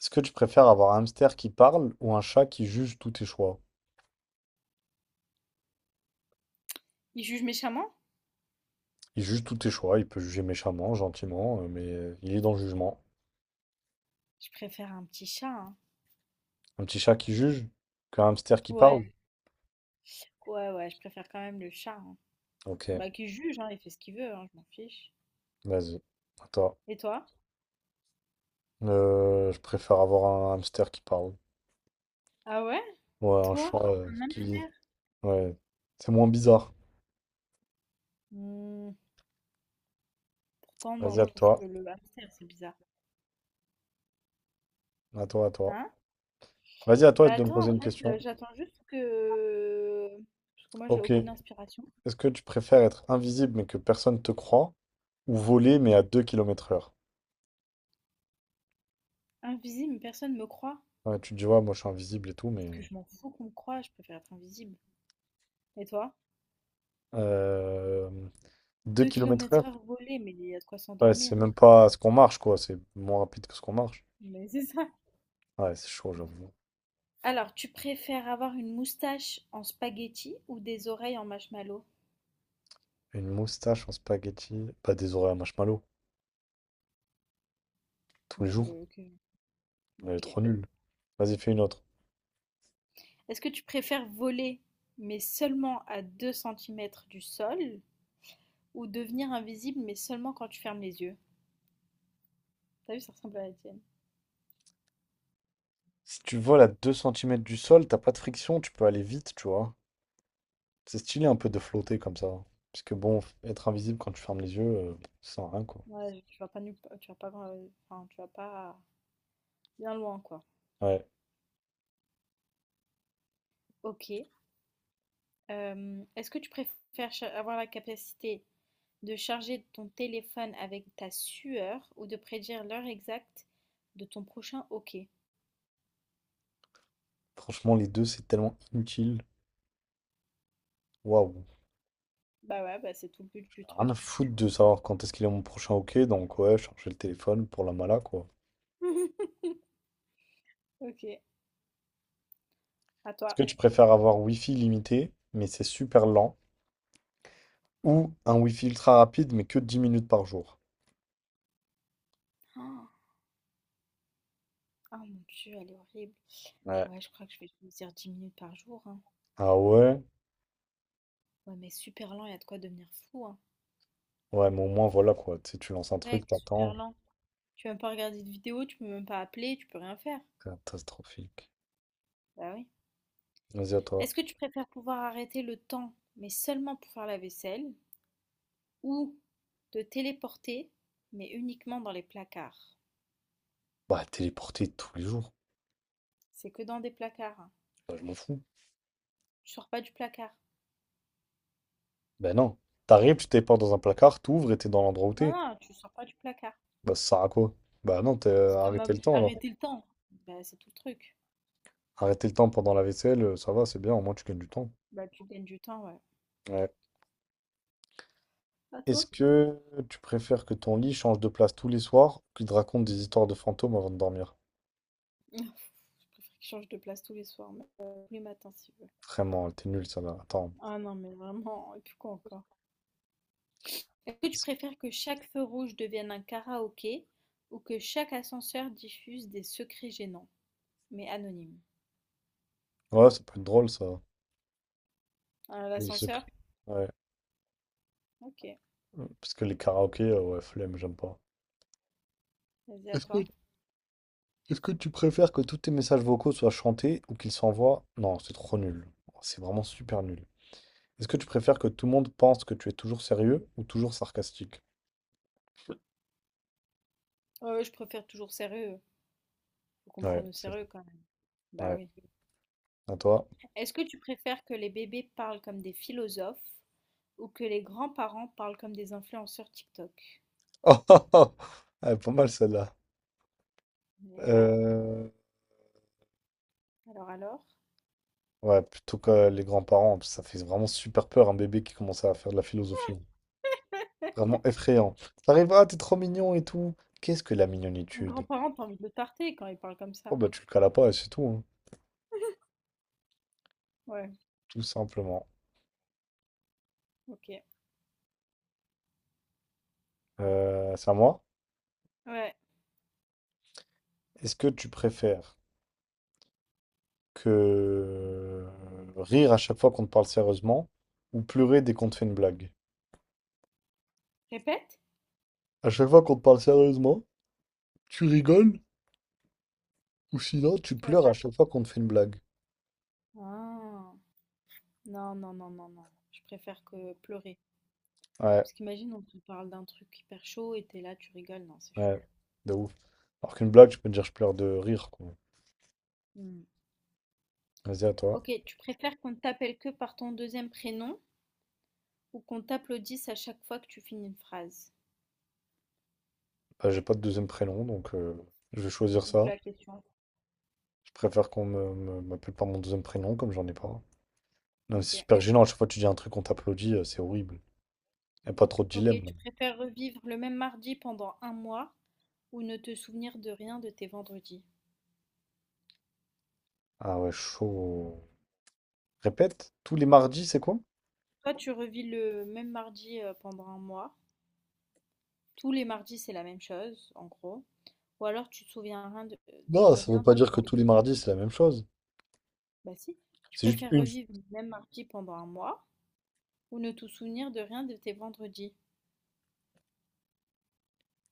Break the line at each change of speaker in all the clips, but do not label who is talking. Est-ce que tu préfères avoir un hamster qui parle ou un chat qui juge tous tes choix?
Il juge méchamment?
Il juge tous tes choix, il peut juger méchamment, gentiment, mais il est dans le jugement.
Je préfère un petit chat, hein.
Un petit chat qui juge qu'un hamster qui
Ouais,
parle?
ouais, ouais, je préfère quand même le chat, hein.
Ok,
Bah, qu'il juge, hein, il fait ce qu'il veut, hein, je m'en fiche.
vas-y. Attends.
Et toi?
Je préfère avoir un hamster qui parle.
Ah ouais?
Ouais, un
Toi?
chat
Un
qui...
hamster?
Ouais, c'est moins bizarre.
Hmm, pourtant, non,
Vas-y,
je
à
trouve
toi.
que le hamster, c'est bizarre.
À toi, à toi.
Hein?
Vas-y, à toi
Bah
de me
attends,
poser
en
une
fait,
question.
j'attends juste que... Parce que moi, j'ai
Ok.
aucune
Est-ce
inspiration.
que tu préfères être invisible mais que personne te croit ou voler mais à 2 km/h?
Invisible, personne me croit.
Ouais, tu vois, moi je suis invisible et tout,
Est-ce que
mais.
je m'en fous qu'on me croie? Je préfère être invisible. Et toi?
Euh... 2
2
km
kilomètres
heure?
heure volée, mais il y a de quoi
Ouais, c'est
s'endormir.
même pas ce qu'on marche, quoi. C'est moins rapide que ce qu'on marche.
Mais c'est ça.
Ouais, c'est chaud, j'avoue.
Alors, tu préfères avoir une moustache en spaghetti ou des oreilles en marshmallow?
Une moustache en spaghetti. Pas des oreilles à marshmallow. Tous les
Bah, ok,
jours.
ok.
Elle est
Ok.
trop nulle. Vas-y, fais une autre.
Est-ce que tu préfères voler, mais seulement à 2 centimètres du sol, ou devenir invisible, mais seulement quand tu fermes les yeux? T'as vu, ça ressemble à la tienne.
Si tu voles à 2 cm du sol, t'as pas de friction, tu peux aller vite, tu vois. C'est stylé un peu de flotter comme ça, hein. Parce que bon, être invisible quand tu fermes les yeux, ça sert à rien, quoi.
Ouais, tu vas pas tu vas pas, enfin, tu vas pas bien loin, quoi.
Ouais.
Ok. Est-ce que tu préfères avoir la capacité de charger ton téléphone avec ta sueur ou de prédire l'heure exacte de ton prochain hockey?
Franchement, les deux, c'est tellement inutile. Waouh.
Bah ouais, bah c'est tout le but du
Rien
truc.
à foutre de savoir quand est-ce qu'il est mon prochain hockey, donc ouais, charger le téléphone pour la mala, quoi.
OK, à
Est-ce
toi.
que tu préfères avoir Wi-Fi limité, mais c'est super lent, ou un Wi-Fi ultra rapide, mais que 10 minutes par jour?
Oh! Ah mon Dieu, elle est horrible.
Ouais.
Ouais, je crois que je vais choisir 10 minutes par jour, hein.
Ah ouais?
Ouais, mais super lent, il y a de quoi devenir fou, hein.
Ouais, mais au moins, voilà, quoi. Tu sais, tu lances un
Mec,
truc,
super
t'attends.
lent. Tu peux même pas regarder de vidéo, tu peux même pas appeler, tu peux rien faire.
Catastrophique.
Bah oui.
Vas-y, à toi.
Est-ce que tu préfères pouvoir arrêter le temps, mais seulement pour faire la vaisselle, ou te téléporter, mais uniquement dans les placards?
Bah, téléporter tous les jours.
C'est que dans des placards, hein.
Bah, je m'en fous.
Tu sors pas du placard.
Bah non. T'arrives, tu téléportes dans un placard, t'ouvres et t'es dans l'endroit où
Non,
t'es.
non, tu sors pas du placard.
Bah, ça sert à quoi? Bah non,
C'est
t'as
comme
arrêté le temps, alors.
arrêter le temps. Bah, c'est tout le truc.
Arrêter le temps pendant la vaisselle, ça va, c'est bien, au moins tu gagnes du temps.
Bah, tu gagnes du temps, ouais.
Ouais.
À
Est-ce
toi?
que tu préfères que ton lit change de place tous les soirs ou qu'il te raconte des histoires de fantômes avant de dormir?
Je préfère qu'il change de place tous les soirs, mais, tous les matins s'il veut.
Vraiment, t'es nul ça là. Attends.
Ah non, mais vraiment, et puis quoi encore? Est-ce que tu préfères que chaque feu rouge devienne un karaoké ou que chaque ascenseur diffuse des secrets gênants, mais anonymes?
Ouais, ça peut être drôle ça. Les
L'ascenseur?
secrets. Ouais.
Ok,
Parce que les karaokés, ouais, flemme, j'aime pas.
vas-y à
Est-ce que...
toi.
Est-ce que tu préfères que tous tes messages vocaux soient chantés ou qu'ils s'envoient? Non, c'est trop nul. C'est vraiment super nul. Est-ce que tu préfères que tout le monde pense que tu es toujours sérieux ou toujours sarcastique?
Je préfère toujours sérieux. Faut qu'on
Ouais,
prenne au
c'est
sérieux quand même. Bah
vrai.
oui.
Ouais. À toi.
Est-ce que tu préfères que les bébés parlent comme des philosophes ou que les grands-parents parlent comme des influenceurs TikTok?
Oh, pas mal celle-là.
Mais ouais,
Euh,
alors alors?
Ouais, plutôt que les grands-parents, parce que ça fait vraiment super peur un bébé qui commence à faire de la philosophie, hein. Vraiment effrayant. T'arrives, ah, t'es trop mignon et tout. Qu'est-ce que la
Les
mignonitude?
grands-parents, t'as envie de le tarter quand ils parlent comme
Oh
ça.
bah tu le cales pas et c'est tout, hein,
Ouais,
tout simplement.
ok.
C'est à moi.
Ouais.
Est-ce que tu préfères que rire à chaque fois qu'on te parle sérieusement ou pleurer dès qu'on te fait une blague?
Répète?
À chaque fois qu'on te parle sérieusement, tu rigoles ou sinon tu
Ouais,
pleures à
chef.
chaque fois qu'on te fait une blague.
Ah, non, non, non, non, non. Je préfère que pleurer.
Ouais,
Parce qu'imagine, on te parle d'un truc hyper chaud et t'es là, tu rigoles. Non, c'est chaud.
ouais, de ouf. Alors qu'une blague, je peux te dire je pleure de rire, quoi.
Hmm.
Vas-y, à toi.
Ok, tu préfères qu'on t'appelle que par ton deuxième prénom ou qu'on t'applaudisse à chaque fois que tu finis une phrase?
Bah, j'ai pas de deuxième prénom, donc je vais choisir
D'où
ça.
la question.
Je préfère qu'on m'appelle par mon deuxième prénom, comme j'en ai pas. Non, mais c'est
OK.
super gênant, à chaque fois que tu dis un truc, on t'applaudit, c'est horrible. Y a pas trop de
OK,
dilemme, là.
tu préfères revivre le même mardi pendant un mois ou ne te souvenir de rien de tes vendredis?
Ah ouais, chaud. Répète, tous les mardis, c'est quoi?
Toi, tu revis le même mardi, pendant un mois. Tous les mardis, c'est la même chose, en gros. Ou alors tu te souviens rien de
Non,
de
ça veut
rien
pas
de
dire
tes
que tous
vendredis.
les mardis, c'est la même chose.
Bah si, tu
C'est juste
préfères
une.
revivre le même mardi pendant un mois ou ne te souvenir de rien de tes vendredis?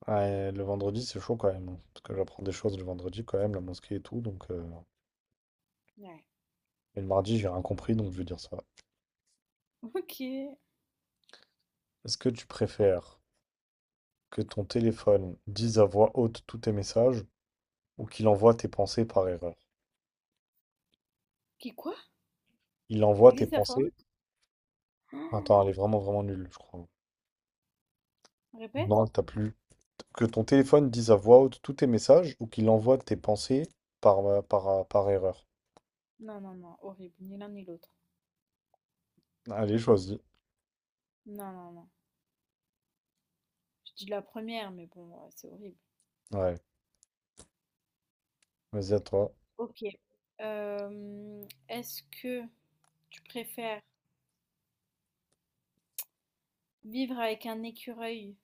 Ouais, le vendredi, c'est chaud quand même, hein. Parce que j'apprends des choses le vendredi quand même, la mosquée et tout. Donc.
Ouais.
Et le mardi, j'ai rien compris, donc je vais dire ça.
OK.
Est-ce que tu préfères que ton téléphone dise à voix haute tous tes messages? Ou qu'il envoie tes pensées par erreur.
Qui quoi?
Il envoie tes
Lise la
pensées.
faute?
Attends, elle est vraiment, vraiment nulle, je crois.
Répète?
Non, t'as plus. Que ton téléphone dise à voix haute tous tes messages ou qu'il envoie tes pensées par erreur.
Non, non, non, horrible, ni l'un ni l'autre.
Allez, choisis.
Non, non, non. Je dis la première, mais bon, c'est horrible.
Ouais, vas-y à toi.
OK. Est-ce que tu préfères vivre avec un écureuil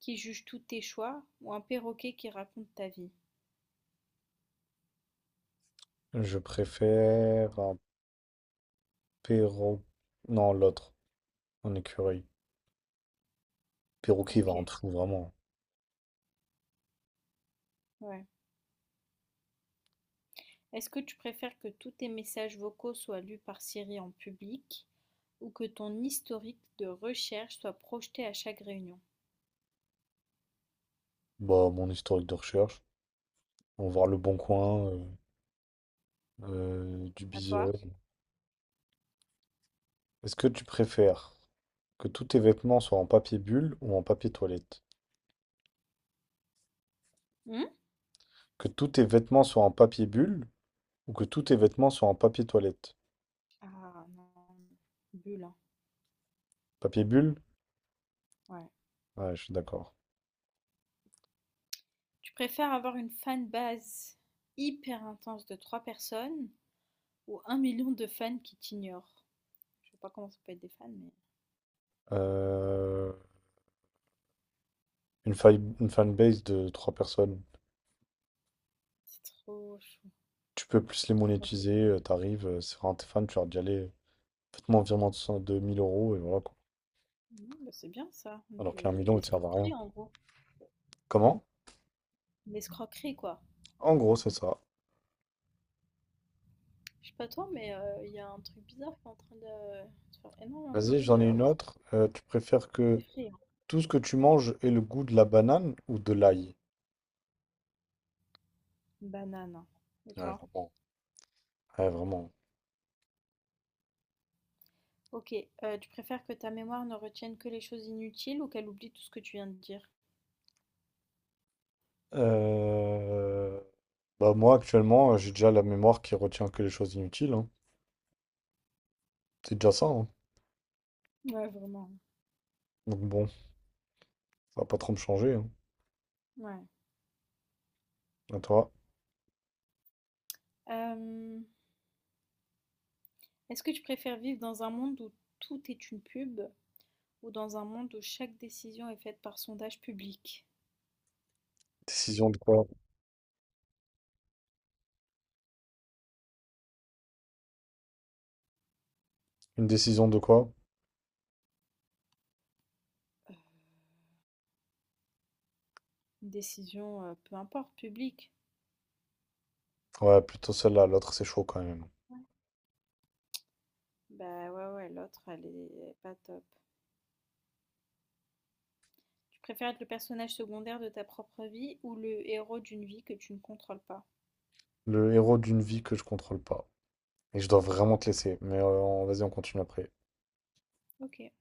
qui juge tous tes choix ou un perroquet qui raconte ta vie?
Je préfère un perro... Non, l'autre, un écureuil. Perroquet, il va
OK,
rentrer où, vraiment?
ouais. Est-ce que tu préfères que tous tes messages vocaux soient lus par Siri en public ou que ton historique de recherche soit projeté à chaque réunion?
Bah, mon historique de recherche. On va voir le bon
OK.
coin, du
À toi?
biseur. Est-ce que tu préfères que tous tes vêtements soient en papier bulle ou en papier toilette?
Mmh?
Que tous tes vêtements soient en papier bulle ou que tous tes vêtements soient en papier toilette?
Ah non, bulle, hein,
Papier bulle?
ouais.
Ouais, je suis d'accord.
Tu préfères avoir une fanbase hyper intense de trois personnes ou 1 million de fans qui t'ignorent. Je sais pas comment ça peut être des fans, mais
Euh, une fanbase de trois personnes.
c'est trop. Je suis
Tu peux plus les
trop
monétiser,
personnes.
t'arrives, c'est vraiment tes fans, tu leur dis allez, faites-moi un virement de 1000 euros et voilà quoi.
Ouais, bah c'est bien ça,
Alors qu'un
de
million, il te sert à rien.
l'escroquerie en gros.
Comment?
De L'escroquerie quoi.
En gros, c'est ça.
Je sais pas toi, mais il y a un truc bizarre qui est en train de faire énormément de
Vas-y,
bruit
j'en ai
dehors.
une
C'est
autre. Tu préfères que
effrayant.
tout ce que tu manges ait le goût de la banane ou de l'ail?
Banane. Et
Ouais,
toi?
vraiment. Ouais, vraiment.
Ok, tu préfères que ta mémoire ne retienne que les choses inutiles ou qu'elle oublie tout ce que tu viens de dire?
Euh, Bah moi actuellement j'ai déjà la mémoire qui retient que les choses inutiles, hein. C'est déjà ça, hein.
Ouais, vraiment.
Donc bon, ça va pas trop me changer, hein.
Ouais.
À toi.
Euh, est-ce que tu préfères vivre dans un monde où tout est une pub ou dans un monde où chaque décision est faite par sondage public?
Décision de quoi? Une décision de quoi?
Une décision, peu importe, publique?
Ouais, plutôt celle-là, l'autre c'est chaud quand même.
Ouais. Bah, ouais, ouais, l'autre, elle est pas top. Tu préfères être le personnage secondaire de ta propre vie ou le héros d'une vie que tu ne contrôles pas?
Le héros d'une vie que je contrôle pas. Et je dois vraiment te laisser, mais vas-y on continue après.
OK.